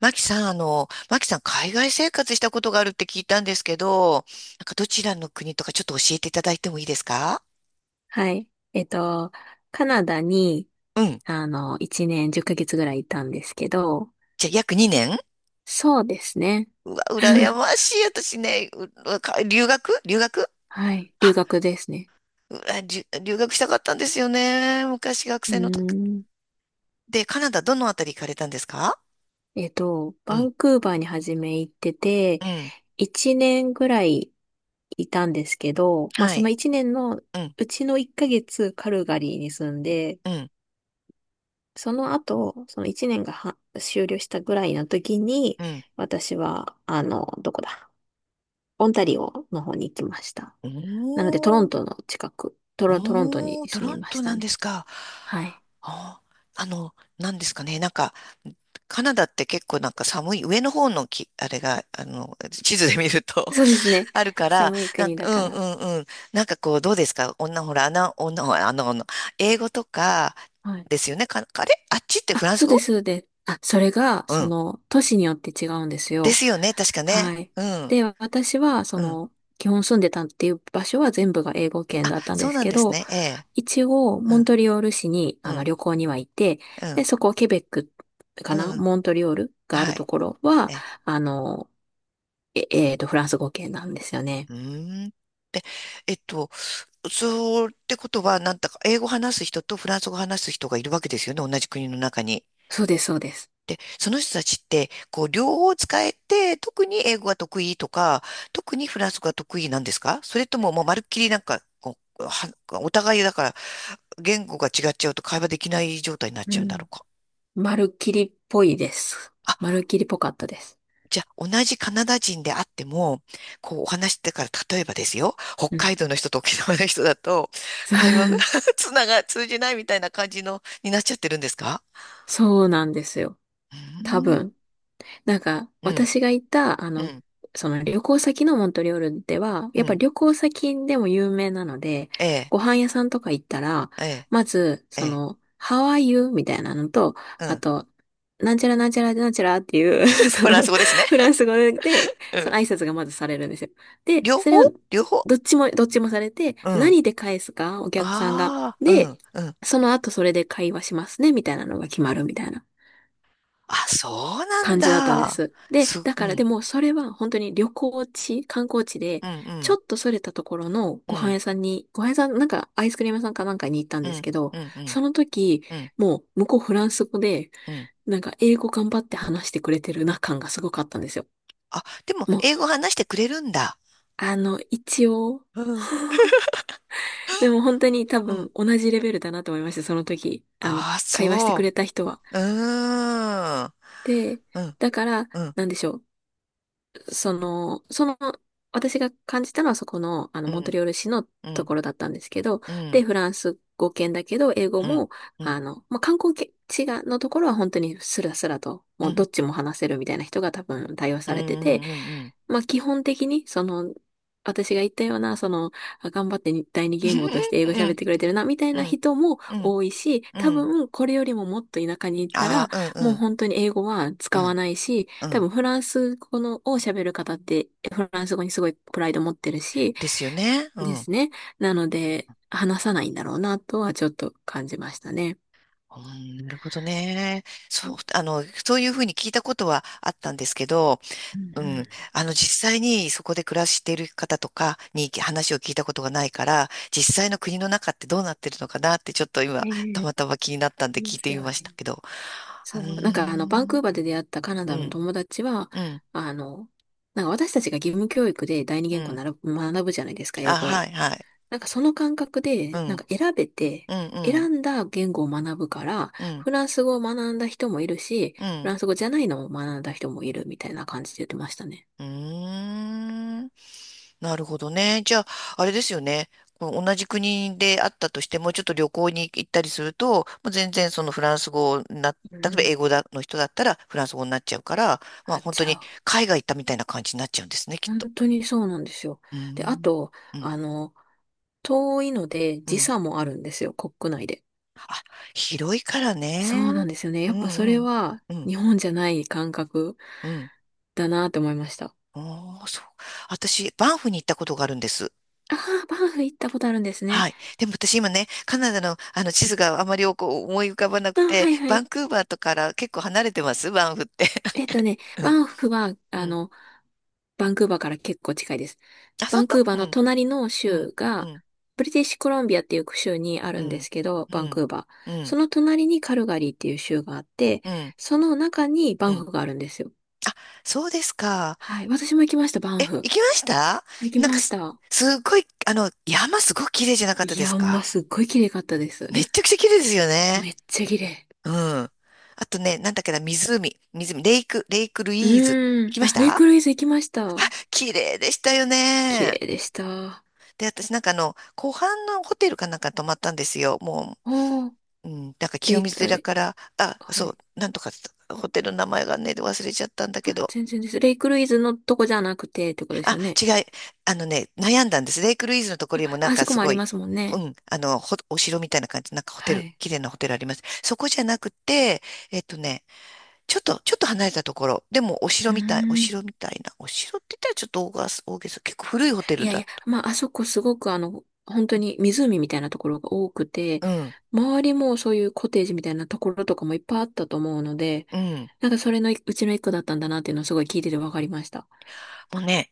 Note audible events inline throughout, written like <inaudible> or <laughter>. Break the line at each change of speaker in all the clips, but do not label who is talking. マキさん、マキさん、海外生活したことがあるって聞いたんですけど、どちらの国とかちょっと教えていただいてもいいですか？
はい。カナダに、
うん。
1年10ヶ月ぐらいいたんですけど、
じゃあ、約2年。
そうですね。
うわ、羨
<laughs>
ましい。私ね、ううか留学留学。
はい。留
あ、
学ですね。
うわりゅ留学したかったんですよね。昔学
うー
生の時。
ん。
で、カナダどのあたり行かれたんですか？う
バ
ん、
ンクーバーに初め行ってて、
うん、
1年ぐらいいたんですけど、まあ
は
その
い、
1年の
うん、
うちの1ヶ月カルガリーに住んで、
うん、
その後、その1年がは終了したぐらいの時に、
うん。
私は、どこだ、オンタリオの方に行きました。なので、トロ
お
ン
ー、
トの近く、トロント
お
に
ー、ト
住み
ロン
まし
トな
た
んで
ね。
すか。
はい。
あー、あの、なんですかね、なんか、カナダって結構寒い、上の方のき、あれが、地図で見ると
そうで
<laughs>
すね。
あるから、
寒い
なん
国
か、
だ
う
か
んう
ら。
んうん。なんかこう、どうですか、女、ほら、穴、女、あの、あの、英語とか、
はい。
ですよね。か、あれあっちって
あ、
フランス
そうで
語。
す、そうです。あ、それが、
うん。
都市によって違うんです
で
よ。
すよね、確かね。
はい。
うん、
で、私は、
うん。
基本住んでたっていう場所は全部が英語圏だったん
そ
で
う
す
なん
け
です
ど、
ね。ええ。
一応、
う
モン
ん、
トリオール市に、
うん、
旅行には行って、
う
で、
ん、
そこ、ケベックか
う
な
ん。
モントリオールがあ
は
ると
い。
ころは、
え、
あの、え、えーと、フランス語圏なんですよね。
うーん。えっと、そうってことは、なんだか、英語話す人とフランス語話す人がいるわけですよね。同じ国の中に。
そうです、そうです。
その人たちって、こう、両方使えて、特に英語が得意とか、特にフランス語が得意なんですか？それとも、もうまるっきりなんか、こう、お互いだから、言語が違っちゃうと会話できない状態になっ
う
ちゃうんだ
ん。
ろうか。
まるっきりっぽいです。
あ、
まるっきりっぽかったです。
じゃあ、同じカナダ人であっても、こう、お話してから、例えばですよ、北
う
海
ん。
道の人と沖縄の人だと、会話が
<laughs>
<laughs> つなが、通じないみたいな感じの、になっちゃってるんですか？
そうなんですよ。
うー
多
ん、
分。なんか、
うん、
私が行った、
うん、
旅行先のモントリオールでは、や
う
っぱ
ん、
旅行先でも有名なので、
ええ、
ご飯屋さんとか行ったら、
ええ、
まず、
ええ、
How are you? みたいなのと、
う
あ
ん。
と、なんちゃらなんちゃらなんちゃらっていう <laughs>
<laughs> フランス語ですね。
フランス語で、
う
その
ん。
挨拶がまずされるんですよ。で、
両
そ
方、
れを、
両方。
どっちもされて、
うん。
何で返すか、お客さんが。
ああ、う
で、
ん、うん。
その後それで会話しますね、みたいなのが決まるみたいな
あ、そうなん
感じだったんで
だ。
す。で、
す、
だ
う
からで
ん、
もそれは本当に旅行地、観光地で、
うん、う
ちょ
ん、
っとそれたところの
う
ご飯
ん、
屋さんに、ご飯屋さん、なんかアイスクリーム屋さんかなんかに行ったん
う
です
ん、
けど、
うん、うん、
その時、
うん。
もう向こうフランス語で、
うん、
なんか英語頑張って話してくれてるな感がすごかったんですよ。
あ、でも、
もう、
英語話してくれるんだ。
一応、
うん、
でも本当に多
うん。
分同じレベルだなと思いました、その時。
ああ、
会話してく
そ
れた人は。
う。うーん。
で、
うん、
だから、
うん、
なんでしょう。その、その、私が感じたのはそこの、
う
モント
ん、
リオール市の
う
と
ん、
ころだったんですけど、
うん、う
で、
ん、
フランス語圏だけど、英語
うん、
も、
うん、
まあ、観光地が、のところは本当にスラスラと、
う
もうどっ
ん、
ちも話せるみたいな人が多分対応
う
されてて、
ん、うん、
まあ、基本的に、私が言ったような、あ頑張ってに第二言語として英
う
語喋っ
ん、
てくれてるな、みたい
うん、う
な
ん、
人も
うん、
多いし、多
うん。
分、これよりももっと田舎に行った
あ
ら、
あ、うん、う
もう
ん、
本当に英語は
う
使わ
ん、
ないし、
う
多
ん。
分、フランス語のを喋る方って、フランス語にすごいプライド持ってるし、
ですよね。う
で
ん。
すね。なので、話さないんだろうな、とはちょっと感じましたね。
うん、なるほどね。
う
そ
ん
う、そういうふうに聞いたことはあったんですけど、
う
うん、
ん。
あの、実際にそこで暮らしている方とかに話を聞いたことがないから、実際の国の中ってどうなってるのかなって、ちょっと今、
ええ、
たまたま気になったんで
いい
聞い
です
てみ
よ
まし
ね。
たけど。う
そ
ー
う、なんかバンク
ん、
ーバーで出会ったカナ
う
ダの
ん、
友達は、
うん、
あの、なんか私たちが義務教育で第二
う
言語
ん。
なら学ぶじゃないですか、英
あ、
語
は
を。
い、はい。
なんかその感覚
う
で、なん
ん、
か選べて、
うん、う
選
ん、
んだ言語を学ぶから、
うん、
フランス語を学んだ人もいるし、
う
フラ
ん。
ンス語じゃないのを学んだ人もいるみたいな感じで言ってましたね。
うーん。なるほどね。じゃあ、あれですよね。こう同じ国であったとしても、ちょっと旅行に行ったりすると、もう全然そのフランス語な、
う
例えば英
ん
語だの人だったらフランス語になっちゃうから、ま
あ
あ
っ
本
ち
当
ゃ
に
う。
海外行ったみたいな感じになっちゃうんですね、きっ
本
と。
当にそうなんですよ。
うー
で、あ
ん。
と、
うん。
あの、遠いので
う
時
ん。
差もあるんですよ、国内で。
広いからね。
そうなんですよね。
う
やっぱそ
ん
れ
うん。
は
うん。
日本じゃない感覚
うん。
だなって思いました。
ああ、そう。私、バンフに行ったことがあるんです。
ああ、バンフ行ったことあるんですね。
はい。でも私今ね、カナダのあの地図があまりこう思い浮かばな
あ
くて、
はいは
バン
い。
クーバーとかから結構離れてますバンフって。<laughs> うん。
バンフは、
うん。
バンクーバーから結構近いです。
あ、
バ
本
ンク
当？
ーバー
う
の
ん。
隣の
うん。
州
う
が、
ん。
ブリティッシュコロンビアっていう州にあ
う
るんで
ん。
すけど、
う
バン
ん。
クーバー。
う
そ
ん。
の隣にカルガリーっていう州があって、
うん。
その中にバ
う
ン
ん。
フがあるんですよ。
そうですか。
はい。私も行きました、バ
え、
ン
行
フ。
きました？
行き
なんか
まし
す、
た。
すっごい、あの、山すごく綺麗じゃなかった
い
で
や、
す
ほんま
か？
すっごい綺麗かったです。
めっちゃくちゃ綺麗ですよね。
めっちゃ綺麗。
うん。あとね、なんだっけな、湖。湖。レイクル
う
イーズ。
ー
行
ん。
きまし
あ、レイ
た？
クルイズ行きました。
綺麗でしたよ
綺
ね。
麗でした。
で、私なんかあの、湖畔のホテルかなんか泊まったんですよ。も
おー、
う、うん、なんか
レ
清
イ
水
ク、あ
寺
れ、
から、あ、
は
そ
い。
う、なんとか、ホテルの名前がね、忘れちゃったんだけ
あ、
ど。
全然です。レイクルイズのとこじゃなくてってことです
あ、
よね。
違い、あのね、悩んだんです。レイクルイーズのところ
あ、
にもなん
あそ
か
こ
す
もあ
ご
り
い、
ますもん
う
ね。
ん、あの、ほお城みたいな感じ、なんかホテ
は
ル、
い。
綺麗なホテルあります。そこじゃなくて、えっとね、ちょっと、ちょっと離れたところ、でもお
う
城
ー
みたい、お
ん。
城みたいな、お城って言ったらちょっと大げさ、大げさ、結構古いホテ
い
ル
やい
だっ
や、まあ、あそこすごく本当に湖みたいなところが多くて、
た。うん、
周りもそういうコテージみたいなところとかもいっぱいあったと思うので、
うん。
なんかそれのうちの一個だったんだなっていうのをすごい聞いててわかりました。
もうね、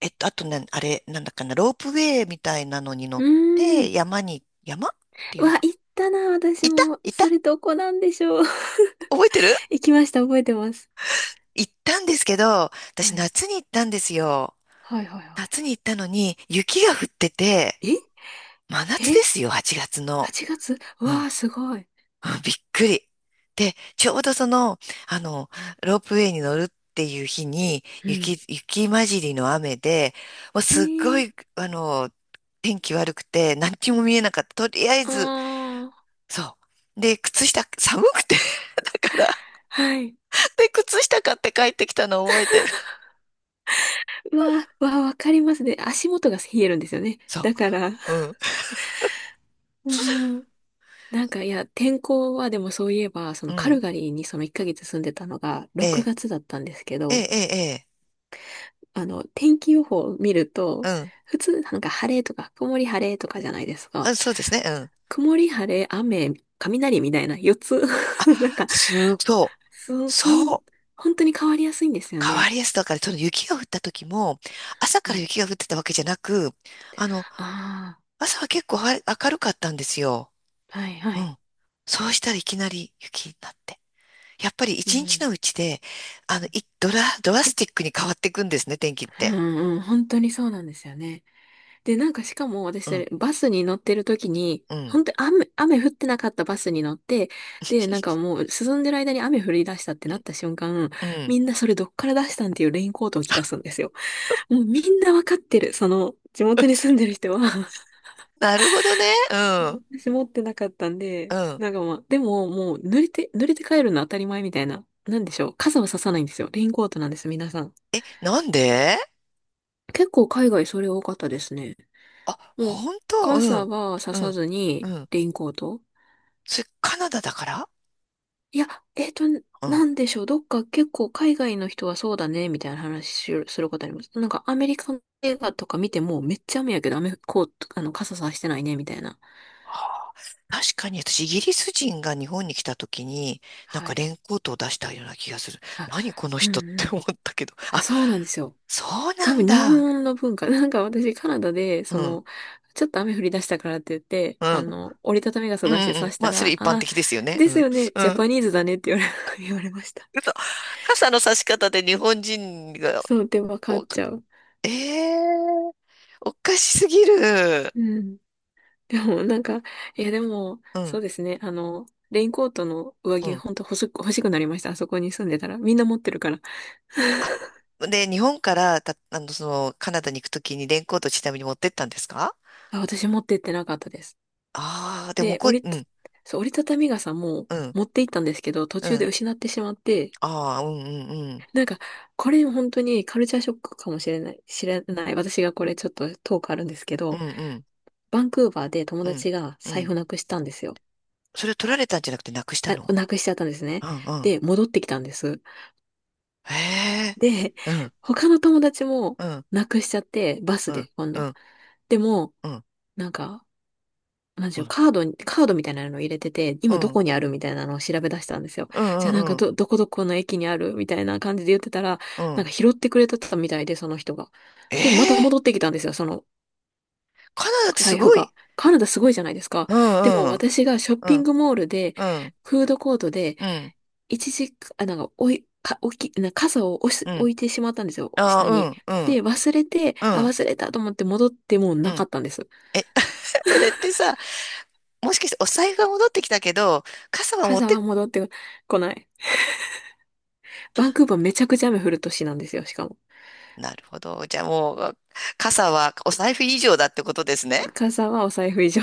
えっと、あとね、あれ、なんだっけな、ロープウェイみたいなのに乗
う
っ
ーん。
て、山に、山ってい
う
うの
わ、
か。
行ったな、私
いた
も。
いた、
それどこなんでしょう。<laughs>
覚えてる？
行きました、覚えてます。
行ったんですけど、
は
私
い。
夏に行ったんですよ。
はいはいは
夏に行ったのに、雪が降ってて、
い。え
真夏で
え？
すよ、8月の。
8月、う
うん。
わ
う
あ、すごい。
ん、びっくり。で、ちょうどその、あの、ロープウェイに乗るっていう日に、
うん。
雪、雪混じりの雨で、もう
え
すっご
ー、
い、あの、天気悪くて、何にも見えなかった。とりあえず、
ああ、
そう。で、靴下、寒くて <laughs> だから、
はい。
で、靴下買って帰ってきたのを覚えてる。
うわあ、わあ、わかりますね。足元が冷えるんですよね。
そ
だから、<laughs>
う。うん。
うん。なんか、いや、天候はでもそういえば、そ
う
のカ
ん。
ルガリーにその1ヶ月住んでたのが
え
6
え、
月だったんですけ
ええ、
ど、
ええ、ええ、
天気予報を見ると、
うん。
普通なんか晴れとか曇り晴れとかじゃないです
あ、
か。
そうですね。うん。
曇り、晴れ、雨、雷みたいな4つ、 <laughs> なんか、
す、そう。
そ、そん、
そう。
本当に変わりやすいんですよ
変わ
ね。
りやすさだから、その雪が降った時も、朝
う
から
ん。
雪が降ってたわけじゃなく、あの、
あ
朝は結構は明るかったんですよ。
あ、はいは
う
い。
ん。そうしたらいきなり雪になって。やっぱり
う
一日
ん。
のうちで、あの、い、ドラ、ドラスティックに変わっていくんですね、天気っ
う
て。
んうん、本当にそうなんですよね。で、なんかしかも私
う
そ
ん、
れ、バスに乗ってる時に、
うん。
本当に雨降ってなかったバスに乗って、で、なんかもう進んでる間に雨降り出したってなった瞬間、
うん。
みんなそれどっから出したんっていうレインコートを着出すんですよ。もうみんなわかってる。地元に住んでる人は、
なるほどね。うん。
私持ってなかったん
う
で、
ん。
なんかまあ、でももう濡れて帰るの当たり前みたいな。なんでしょう。傘はささないんですよ。レインコートなんです、皆さん。
え、なんで？
結構海外それ多かったですね。
あ、
もう、
本当？う
傘
ん。
はさ
う
さ
ん。
ず
う
に、
ん。
レインコート、
それカナダだから？
いや、えっと、
うん。
なんでしょう。どっか結構海外の人はそうだね、みたいな話しすることあります。なんかアメリカの映画とか見ても、めっちゃ雨やけど、雨、コート、傘さしてないね、みたいな。
確かに私、イギリス人が日本に来た時に、なん
は
かレイ
い。
ンコートを出したような気がする。
あ、
何この
う
人っ
ん
て
う
思ったけど。
ん。
あ、
そうなんですよ。
そうな
多
ん
分日
だ。
本の文化。<laughs> なんか私カナダで、
うん。
ちょっと雨降り出したからって言って、
うん。うん
折りたたみ傘
う
出して
んう
刺
ん。
し
ま
た
あ、そ
ら、
れ
あ
一般
あ、
的ですよね。
で
う
す
ん。
よね、
う
ジャ
ん。
パニーズだねって言われ、<laughs> 言われました。
嘘。傘の差し方で日本人が、
そう、で、わかっ
こう、
ちゃう。
ええー、おかしすぎる。
うん。でも、なんか、いや、でも、
うん。
そうですね、レインコートの上
う
着、
ん。
ほんと欲しくなりました。あそこに住んでたら。みんな持ってるから。
あ、で、日本からた、あの、その、カナダに行くときにレインコートちなみに持ってったんですか？
あ、私持ってってなかったです。
ああー、でも
で、
こう、うん、
折りたたみ傘も
うん、
持って行ったんですけど、途
う
中で
ん。
失ってしまって、
ああ、うん、うん、
なんか、これ本当にカルチャーショックかもしれない、知らない。私がこれちょっとトークあるんですけ
うん、
ど、
うん、うん、
バンクーバーで友
うん、
達が
う
財
ん。
布なくしたんですよ。
それを取られたんじゃなくてなくした
あ、
の。
なくしちゃったんです
う
ね。
ん、うん。
で、戻ってきたんです。
へえ、
で、
うん、
他の友達も
うん、
なくしちゃって、バス
うん、
で今
う
度。
ん、
でも、
うん、
なんか、なんでし
う
ょう、
ん、
カードみたいなのを入れてて、
う
今ど
ん、
こにあるみたいなのを調べ出したんですよ。
うん、
じゃあ、
う
なん
ん、
か
うん。
どこどこの駅にあるみたいな感じで言ってたら、
う
なん
ん、
か拾ってくれてたみたいで、その人が。
え
で、また
え、
戻ってきたんですよ、その
カナダってす
財布
ごい。
が。カナダすごいじゃないですか。
う
でも
ん、うん、
私がショッ
う
ピン
ん、
グモールで、
うん、
フードコートで、
うん、
一時、あ、なんか、おい、か、置き、な傘を
うん。
置いてしまったんですよ、
あ
下
あ、う
に。
ん、うん、
で、
うん、
忘れたと思って戻ってもう
う
なか
ん。
ったんです。
え、<laughs> それってさ、もしかしてお財布が戻ってきたけど、傘は持っ
傘
て、
は戻ってこない。バンクーバーめちゃくちゃ雨降る都市なんですよ、しかも。
なるほど。じゃあもう、傘はお財布以上だってことですね。
傘はお財布以上。